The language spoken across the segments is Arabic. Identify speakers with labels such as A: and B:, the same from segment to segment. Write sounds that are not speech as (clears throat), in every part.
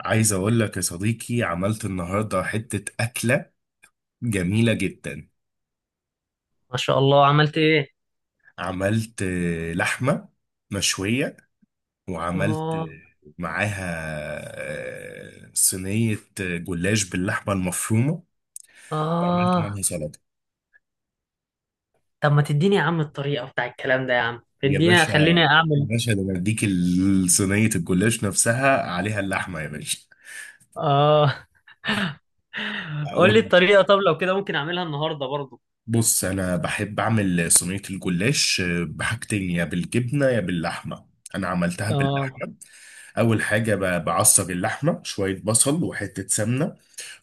A: عايز اقول لك يا صديقي، عملت النهارده حتة أكلة جميلة جدا.
B: ما شاء الله، عملت ايه؟
A: عملت لحمة مشوية، وعملت
B: اه.
A: معاها صينية جلاش باللحمة المفرومة، وعملت
B: اه.
A: معاها سلطة.
B: طب ما تديني يا عم الطريقة بتاع الكلام ده؟ يا عم
A: يا
B: اديني
A: باشا،
B: خليني
A: يا
B: اعمل.
A: باشا، ده انا اديك صينية الجلاش نفسها عليها اللحمة يا باشا.
B: اه. (laughs) قول لي
A: اقول لك،
B: الطريقة. طب لو كده ممكن اعملها النهاردة برضو.
A: بص انا بحب اعمل صينية الجلاش بحاجتين، يا بالجبنة يا باللحمة. انا عملتها
B: اه.
A: باللحمة. اول حاجه بعصر اللحمه شويه بصل وحته سمنه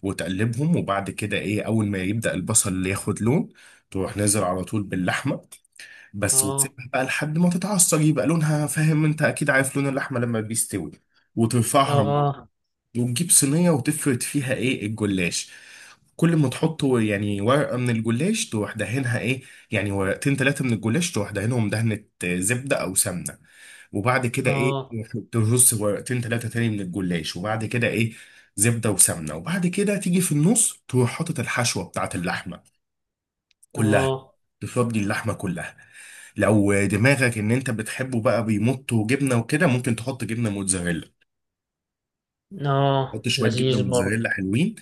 A: وتقلبهم، وبعد كده ايه، اول ما يبدا البصل ياخد لون تروح نازل على طول باللحمه بس،
B: اه.
A: وتسيبها بقى لحد ما تتعصر يبقى لونها، فاهم؟ انت اكيد عارف لون اللحمه لما بيستوي، وترفعها،
B: اه.
A: وتجيب صينية وتفرد فيها ايه الجلاش. كل ما تحط يعني ورقة من الجلاش تروح دهنها ايه، يعني ورقتين تلاتة من الجلاش تروح دهنهم دهنة زبدة أو سمنة، وبعد كده ايه
B: اه.
A: ترص ورقتين تلاتة تاني من الجلاش، وبعد كده ايه زبدة وسمنة، وبعد كده تيجي في النص تروح حاطط الحشوة بتاعت اللحمة كلها،
B: اه.
A: تفضي اللحمة كلها. لو دماغك ان انت بتحبه بقى بيمط وجبنة وكده ممكن تحط جبنة موتزاريلا،
B: اه
A: حط شويه جبنه
B: لذيذ برضو.
A: موتزاريلا حلوين،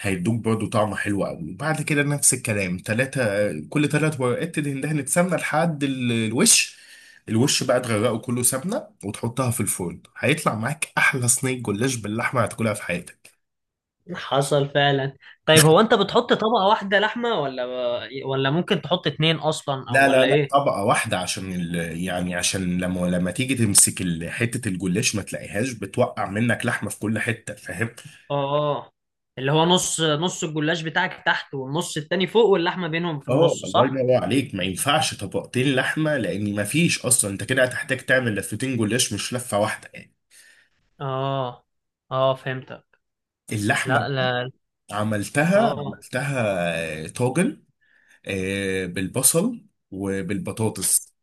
A: هيدوك برضو طعمه حلو قوي. وبعد كده نفس الكلام تلاتة، كل تلات ورقات تدهن سمنه لحد الوش. الوش بقى تغرقه كله سمنه وتحطها في الفرن، هيطلع معاك احلى صينيه جلاش باللحمه هتاكلها في حياتك.
B: حصل فعلا. طيب هو انت بتحط طبقة واحدة لحمة ولا ممكن تحط اتنين اصلا او
A: لا لا
B: ولا
A: لا،
B: ايه؟
A: طبقه واحده عشان يعني عشان لما تيجي تمسك حته الجلاش ما تلاقيهاش بتوقع منك لحمه في كل حته، فاهم؟
B: اه. اه. اللي هو نص نص الجلاش بتاعك تحت والنص التاني فوق واللحمة بينهم في
A: اه
B: النص،
A: الله
B: صح؟
A: ينور عليك، ما ينفعش طبقتين لحمه لان ما فيش اصلا، انت كده هتحتاج تعمل لفتين جلاش مش لفه واحده يعني.
B: اه. اه فهمتك.
A: اللحمه
B: لا لا.
A: عملتها
B: اه.
A: عملتها طاجن بالبصل وبالبطاطس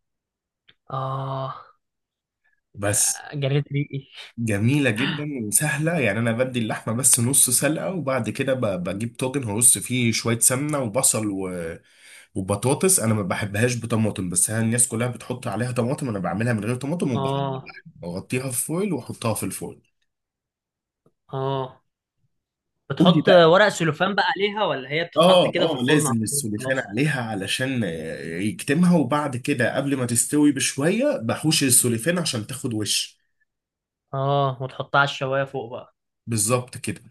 B: اه
A: بس.
B: جريت ريقي.
A: جميله جدا وسهله، يعني انا بدي اللحمه بس نص سلقه، وبعد كده بجيب طاجن هرص فيه شويه سمنه وبصل وبطاطس. انا ما بحبهاش بطماطم بس هي الناس كلها بتحط عليها طماطم، انا بعملها من غير طماطم وبحط
B: اه.
A: اغطيها في فويل واحطها في الفرن.
B: اه
A: قول لي
B: بتحط
A: بقى.
B: ورق سلوفان بقى عليها، ولا هي بتتحط
A: اه
B: كده في
A: اه،
B: الفرن على
A: لازم
B: طول
A: السلوفان
B: خلاص؟
A: عليها علشان يكتمها، وبعد كده قبل ما تستوي بشوية بحوش السلوفان عشان تاخد وش.
B: اه وتحطها على الشوايه فوق بقى.
A: بالظبط كده.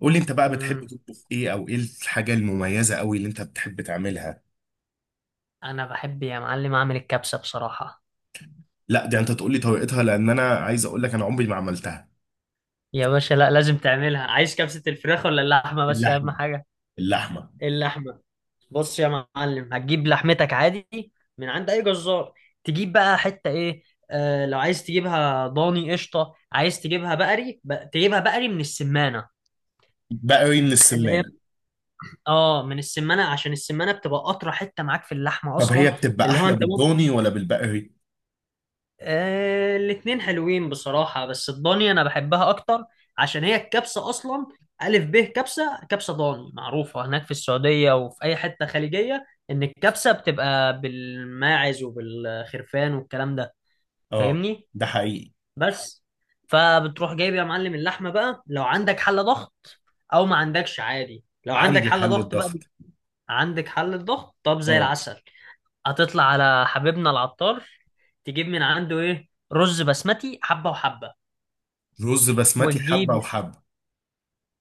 A: قول لي انت بقى بتحب
B: امم.
A: تطبخ ايه، او ايه الحاجة المميزة قوي اللي انت بتحب تعملها؟
B: انا بحب يا معلم اعمل الكبسه بصراحه.
A: لا دي انت تقول لي طريقتها، لان انا عايز اقول لك انا عمري ما عملتها.
B: يا باشا لا لازم تعملها. عايز كبسه الفراخ ولا اللحمه؟ بس اهم
A: اللحمة.
B: حاجه
A: اللحمة.
B: اللحمه. بص يا معلم، هتجيب لحمتك عادي من عند اي جزار. تجيب بقى حته ايه؟ لو عايز تجيبها ضاني قشطه، عايز تجيبها بقري تجيبها بقري من السمانه.
A: بقري من
B: اللي هي
A: السمانة.
B: اه من السمانه، عشان السمانه بتبقى قطره حته معاك في اللحمه
A: طب هي
B: اصلا.
A: بتبقى
B: اللي هو
A: احلى
B: انت
A: بالضاني ولا بالبقري؟
B: الاتنين حلوين بصراحة، بس الضاني أنا بحبها أكتر، عشان هي الكبسة أصلا. ألف ب كبسة، كبسة ضاني معروفة هناك في السعودية وفي أي حتة خليجية، إن الكبسة بتبقى بالماعز وبالخرفان والكلام ده.
A: اه،
B: فاهمني؟
A: ده حقيقي.
B: بس. فبتروح جايب يا معلم اللحمة بقى، لو عندك حلة ضغط أو ما عندكش عادي. لو عندك
A: عندي
B: حلة
A: حل
B: ضغط بقى،
A: الضغط.
B: عندك حلة ضغط، طب زي
A: اه.
B: العسل. هتطلع على حبيبنا العطار، تجيب من عنده ايه؟ رز بسمتي حبة وحبة.
A: رز بسمتي حبة
B: وتجيب
A: وحبة.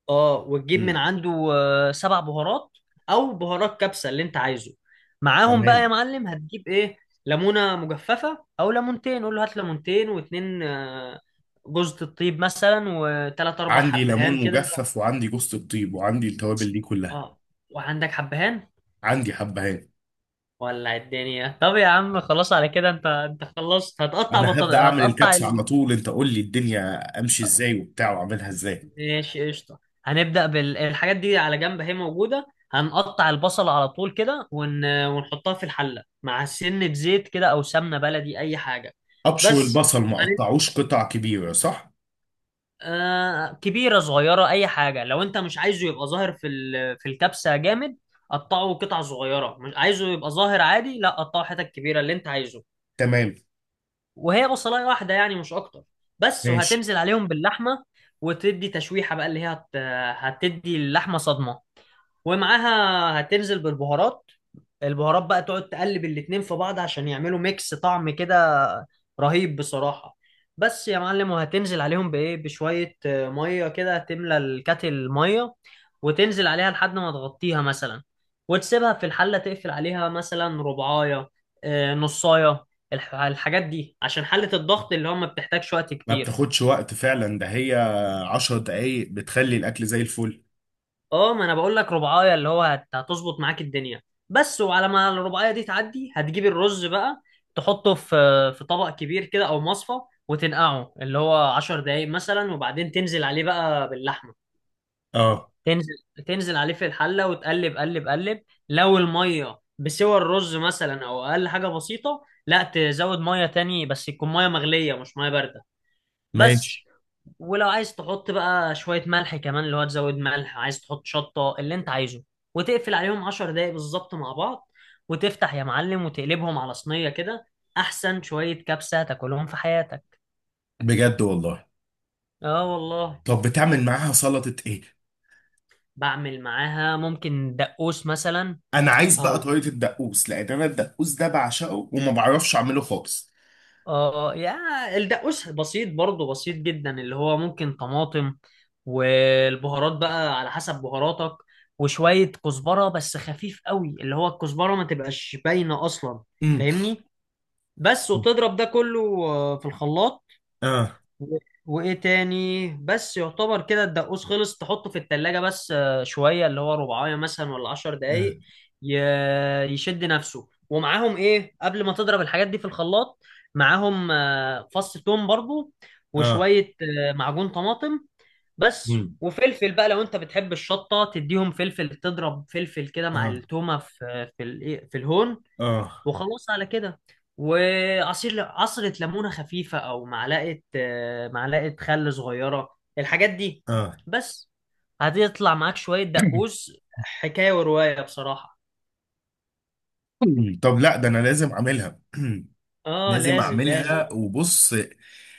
B: اه وتجيب من
A: امم
B: عنده سبع بهارات او بهارات كبسة اللي انت عايزه. معاهم بقى يا
A: تمام.
B: معلم هتجيب ايه؟ ليمونة مجففة او ليمونتين، قول له هات ليمونتين، واتنين جوزة الطيب مثلا، وتلات اربع
A: عندي
B: حبهان
A: ليمون
B: كده.
A: مجفف وعندي جوزة الطيب وعندي التوابل دي كلها.
B: اه. وعندك حبهان؟
A: عندي حبهان.
B: ولع الدنيا. طب يا عم خلاص على كده انت انت خلصت،
A: انا هبدأ اعمل
B: هتقطع.
A: الكبسة على طول، انت قول لي الدنيا امشي ازاي وبتاع واعملها ازاي.
B: ماشي قشطة. هنبدأ بالحاجات دي على جنب هي موجودة. هنقطع البصل على طول كده ونحطها في الحلة مع سنة زيت كده أو سمنة بلدي أي حاجة.
A: ابشر.
B: بس
A: البصل ما
B: وبعدين
A: اقطعوش قطع كبيرة صح؟
B: كبيرة صغيرة أي حاجة. لو أنت مش عايزه يبقى ظاهر في الكبسة جامد قطعه قطع صغيرة. مش عايزه يبقى ظاهر عادي، لا قطعه حتت كبيرة اللي أنت عايزه.
A: تمام.
B: وهي بصلاية واحدة يعني مش أكتر. بس
A: ماشي.
B: وهتنزل عليهم باللحمة. وتدي تشويحة بقى، هتدي اللحمة صدمة. ومعاها هتنزل بالبهارات. البهارات بقى تقعد تقلب الاتنين في بعض عشان يعملوا ميكس طعم كده رهيب بصراحة. بس يا معلم. وهتنزل عليهم بإيه؟ بشوية مية كده، تملى الكاتل مية وتنزل عليها لحد ما تغطيها مثلا. وتسيبها في الحلة تقفل عليها مثلا ربعاية، نصاية. الحاجات دي عشان حلة الضغط اللي هو ما بتحتاجش وقت
A: ما
B: كتير.
A: بتاخدش وقت فعلا، ده هي 10 دقايق بتخلي الاكل زي الفل.
B: اه ما انا بقول لك رباعية، هتظبط معاك الدنيا. بس. وعلى ما الرباعية دي تعدي هتجيب الرز بقى، تحطه في طبق كبير كده او مصفى. وتنقعه اللي هو عشر دقايق مثلا، وبعدين تنزل عليه بقى باللحمة.
A: اه.
B: تنزل تنزل عليه في الحلة وتقلب قلب قلب. لو المية بسوى الرز مثلا او اقل حاجة بسيطة، لا تزود مية تاني، بس يكون مية مغلية مش مية باردة. بس.
A: ماشي.
B: ولو عايز تحط بقى شوية ملح كمان، اللي هو تزود ملح، عايز تحط شطة اللي انت عايزه. وتقفل عليهم عشر دقايق بالظبط مع بعض. وتفتح يا معلم وتقلبهم على صينية كده، أحسن شوية كبسة تاكلهم في حياتك.
A: بجد والله.
B: اه والله.
A: طب بتعمل معاها سلطة ايه؟
B: بعمل معاها ممكن دقوس مثلا.
A: انا عايز بقى
B: او
A: طريقة الدقوس، لان انا الدقوس ده بعشقه وما بعرفش اعمله خالص.
B: اه، يا الدقوس بسيط برضه، بسيط جدا، اللي هو ممكن طماطم، والبهارات بقى على حسب بهاراتك، وشوية كزبرة بس خفيف قوي، اللي هو الكزبرة ما تبقاش باينة أصلا.
A: امم
B: فاهمني؟ بس وتضرب ده كله في الخلاط.
A: اه.
B: و- وايه تاني؟ بس يعتبر كده الدقوس خلص، تحطه في التلاجة بس شوية، اللي هو ربعاية مثلا ولا عشر دقايق يشد نفسه. ومعاهم ايه قبل ما تضرب الحاجات دي في الخلاط؟ معاهم فص ثوم برضو،
A: اه.
B: وشوية معجون طماطم. بس.
A: مم.
B: وفلفل بقى لو انت بتحب الشطة تديهم فلفل، تضرب فلفل كده مع
A: اه.
B: التومة في في الهون.
A: اه.
B: وخلاص على كده. وعصير عصرة ليمونة خفيفة، أو معلقة معلقة خل صغيرة الحاجات دي.
A: اه.
B: بس. هتطلع معاك شوية دقوس حكاية ورواية بصراحة.
A: مم. طب لا، ده انا لازم اعملها. (clears throat)
B: اه
A: لازم
B: لازم لازم.
A: اعملها وبص،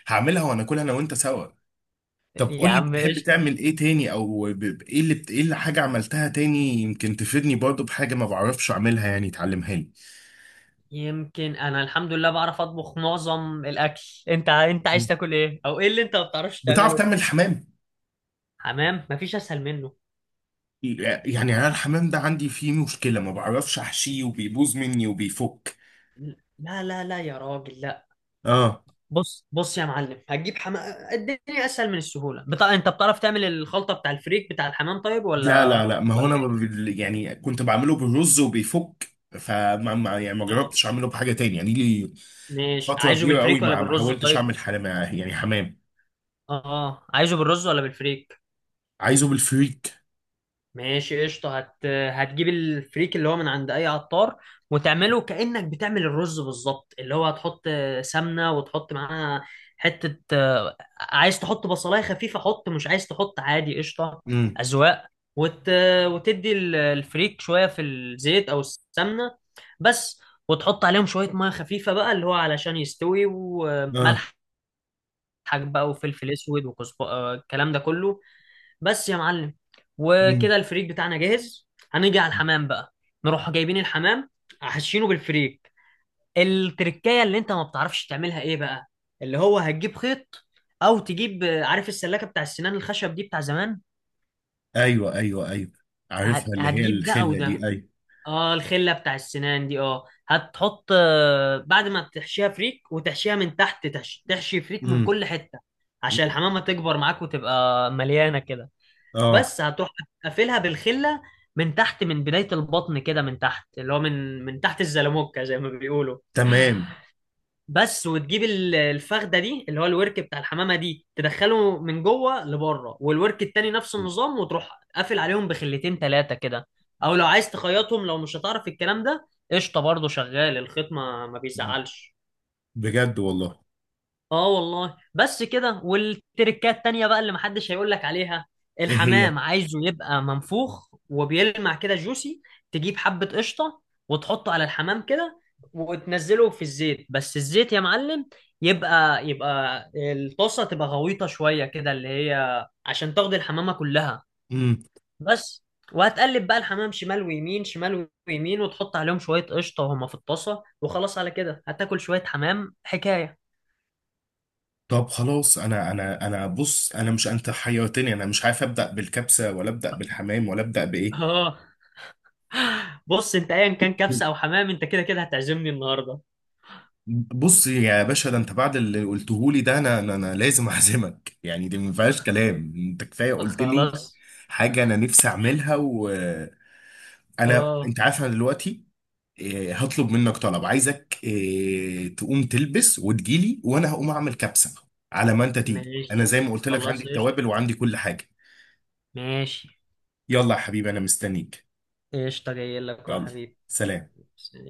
A: هعملها وهناكلها انا وانت سوا. طب
B: يا
A: قول لي
B: عم
A: بتحب
B: قشطة.
A: تعمل ايه تاني، او ايه اللي ايه اللي حاجه عملتها تاني يمكن تفيدني برضو بحاجه ما بعرفش اعملها، يعني تعلمها لي.
B: يمكن أنا الحمد لله بعرف أطبخ معظم الأكل. أنت أنت عايز
A: مم.
B: تاكل إيه؟ أو إيه اللي أنت ما بتعرفش
A: بتعرف
B: تعمله؟
A: تعمل حمام؟
B: حمام مفيش أسهل منه.
A: يعني انا الحمام ده عندي فيه مشكله، ما بعرفش احشيه وبيبوظ مني وبيفك.
B: لا لا لا يا راجل لا.
A: اه.
B: بص بص يا معلم، هتجيب حمام الدنيا اسهل من السهوله انت بتعرف تعمل الخلطه بتاع الفريك بتاع الحمام طيب،
A: لا
B: ولا
A: لا لا، ما هو
B: ولا
A: انا يعني كنت بعمله بالرز وبيفك، فما ما يعني ما
B: إيه؟
A: جربتش اعمله بحاجه تاني يعني لي.
B: ماشي،
A: فتره
B: عايزه
A: كبيره قوي
B: بالفريك ولا
A: ما
B: بالرز
A: حاولتش
B: طيب؟
A: اعمل حمام، يعني حمام.
B: اه عايزه بالرز ولا بالفريك؟
A: عايزه بالفريك.
B: ماشي قشطة. هتجيب الفريك اللي هو من عند أي عطار، وتعمله كأنك بتعمل الرز بالظبط، اللي هو هتحط سمنة، وتحط معاها حتة. عايز تحط بصلاية خفيفة حط، مش عايز تحط عادي قشطة،
A: امم
B: أذواق. وت... وتدي الفريك شوية في الزيت أو السمنة. بس. وتحط عليهم شوية مية خفيفة بقى، اللي هو علشان يستوي،
A: اه.
B: وملح بقى وفلفل أسود وكزب آه، الكلام ده كله. بس يا معلم.
A: امم
B: وكده الفريك بتاعنا جاهز، هنيجي على الحمام بقى. نروح جايبين الحمام حاشينه بالفريك. التركية اللي انت ما بتعرفش تعملها ايه بقى؟ اللي هو هتجيب خيط، او تجيب عارف السلاكة بتاع السنان الخشب دي بتاع زمان؟
A: ايوه ايوه ايوه، عارفها، اللي هي
B: هتجيب ده او
A: الخله دي،
B: ده.
A: ايوه.
B: اه، الخلة بتاع السنان دي. اه هتحط بعد ما تحشيها فريك وتحشيها من تحت، تحشي فريك من
A: امم
B: كل حتة، عشان الحمامة تكبر معاك وتبقى مليانة كده.
A: اه.
B: بس هتروح قافلها بالخله من تحت، من بدايه البطن كده من تحت، اللي هو من تحت الزلموكه زي ما بيقولوا.
A: تمام.
B: بس وتجيب الفخده دي اللي هو الورك بتاع الحمامه دي، تدخله من جوه لبره، والورك التاني نفس النظام، وتروح قافل عليهم بخلتين ثلاثه كده. او لو عايز تخيطهم لو مش هتعرف الكلام ده قشطه برضه، شغال الخيط، ما
A: مم.
B: بيزعلش.
A: بجد والله.
B: اه والله. بس كده. والتركات تانية بقى اللي محدش هيقول لك عليها.
A: ايه
B: الحمام
A: هي؟
B: عايزه يبقى منفوخ وبيلمع كده جوسي. تجيب حبة قشطة وتحطه على الحمام كده، وتنزله في الزيت. بس الزيت يا معلم يبقى، يبقى الطاسة تبقى غويطة شوية كده، اللي هي عشان تاخد الحمامة كلها.
A: امم
B: بس. وهتقلب بقى الحمام شمال ويمين، شمال ويمين، وتحط عليهم شوية قشطة وهما في الطاسة، وخلاص على كده هتاكل شوية حمام حكاية.
A: طب خلاص، انا بص، انا مش انت حيرتني، انا مش عارف ابدا بالكبسه ولا ابدا بالحمام ولا ابدا
B: (laughs)
A: بايه.
B: اه. بص انت ايا كان كبسه او حمام انت كده كده هتعزمني النهارده.
A: بص يا باشا، ده انت بعد اللي قلته لي ده، انا انا أنا لازم اعزمك يعني، دي ما فيهاش
B: يلا.
A: كلام، انت كفايه قلت لي.
B: خلاص.
A: حاجه انا نفسي اعملها، وانا
B: اه
A: انت عارف انا دلوقتي هطلب منك طلب، عايزك تقوم تلبس وتجيلي، وانا هقوم اعمل كبسه على ما انت تيجي. انا
B: ماشي.
A: زي ما قلت لك عندي
B: خلاص قشطه.
A: التوابل وعندي كل حاجه.
B: ماشي.
A: يلا يا حبيبي انا مستنيك.
B: قشطه جاي لك يا
A: يلا.
B: حبيبي.
A: سلام.
B: سلام.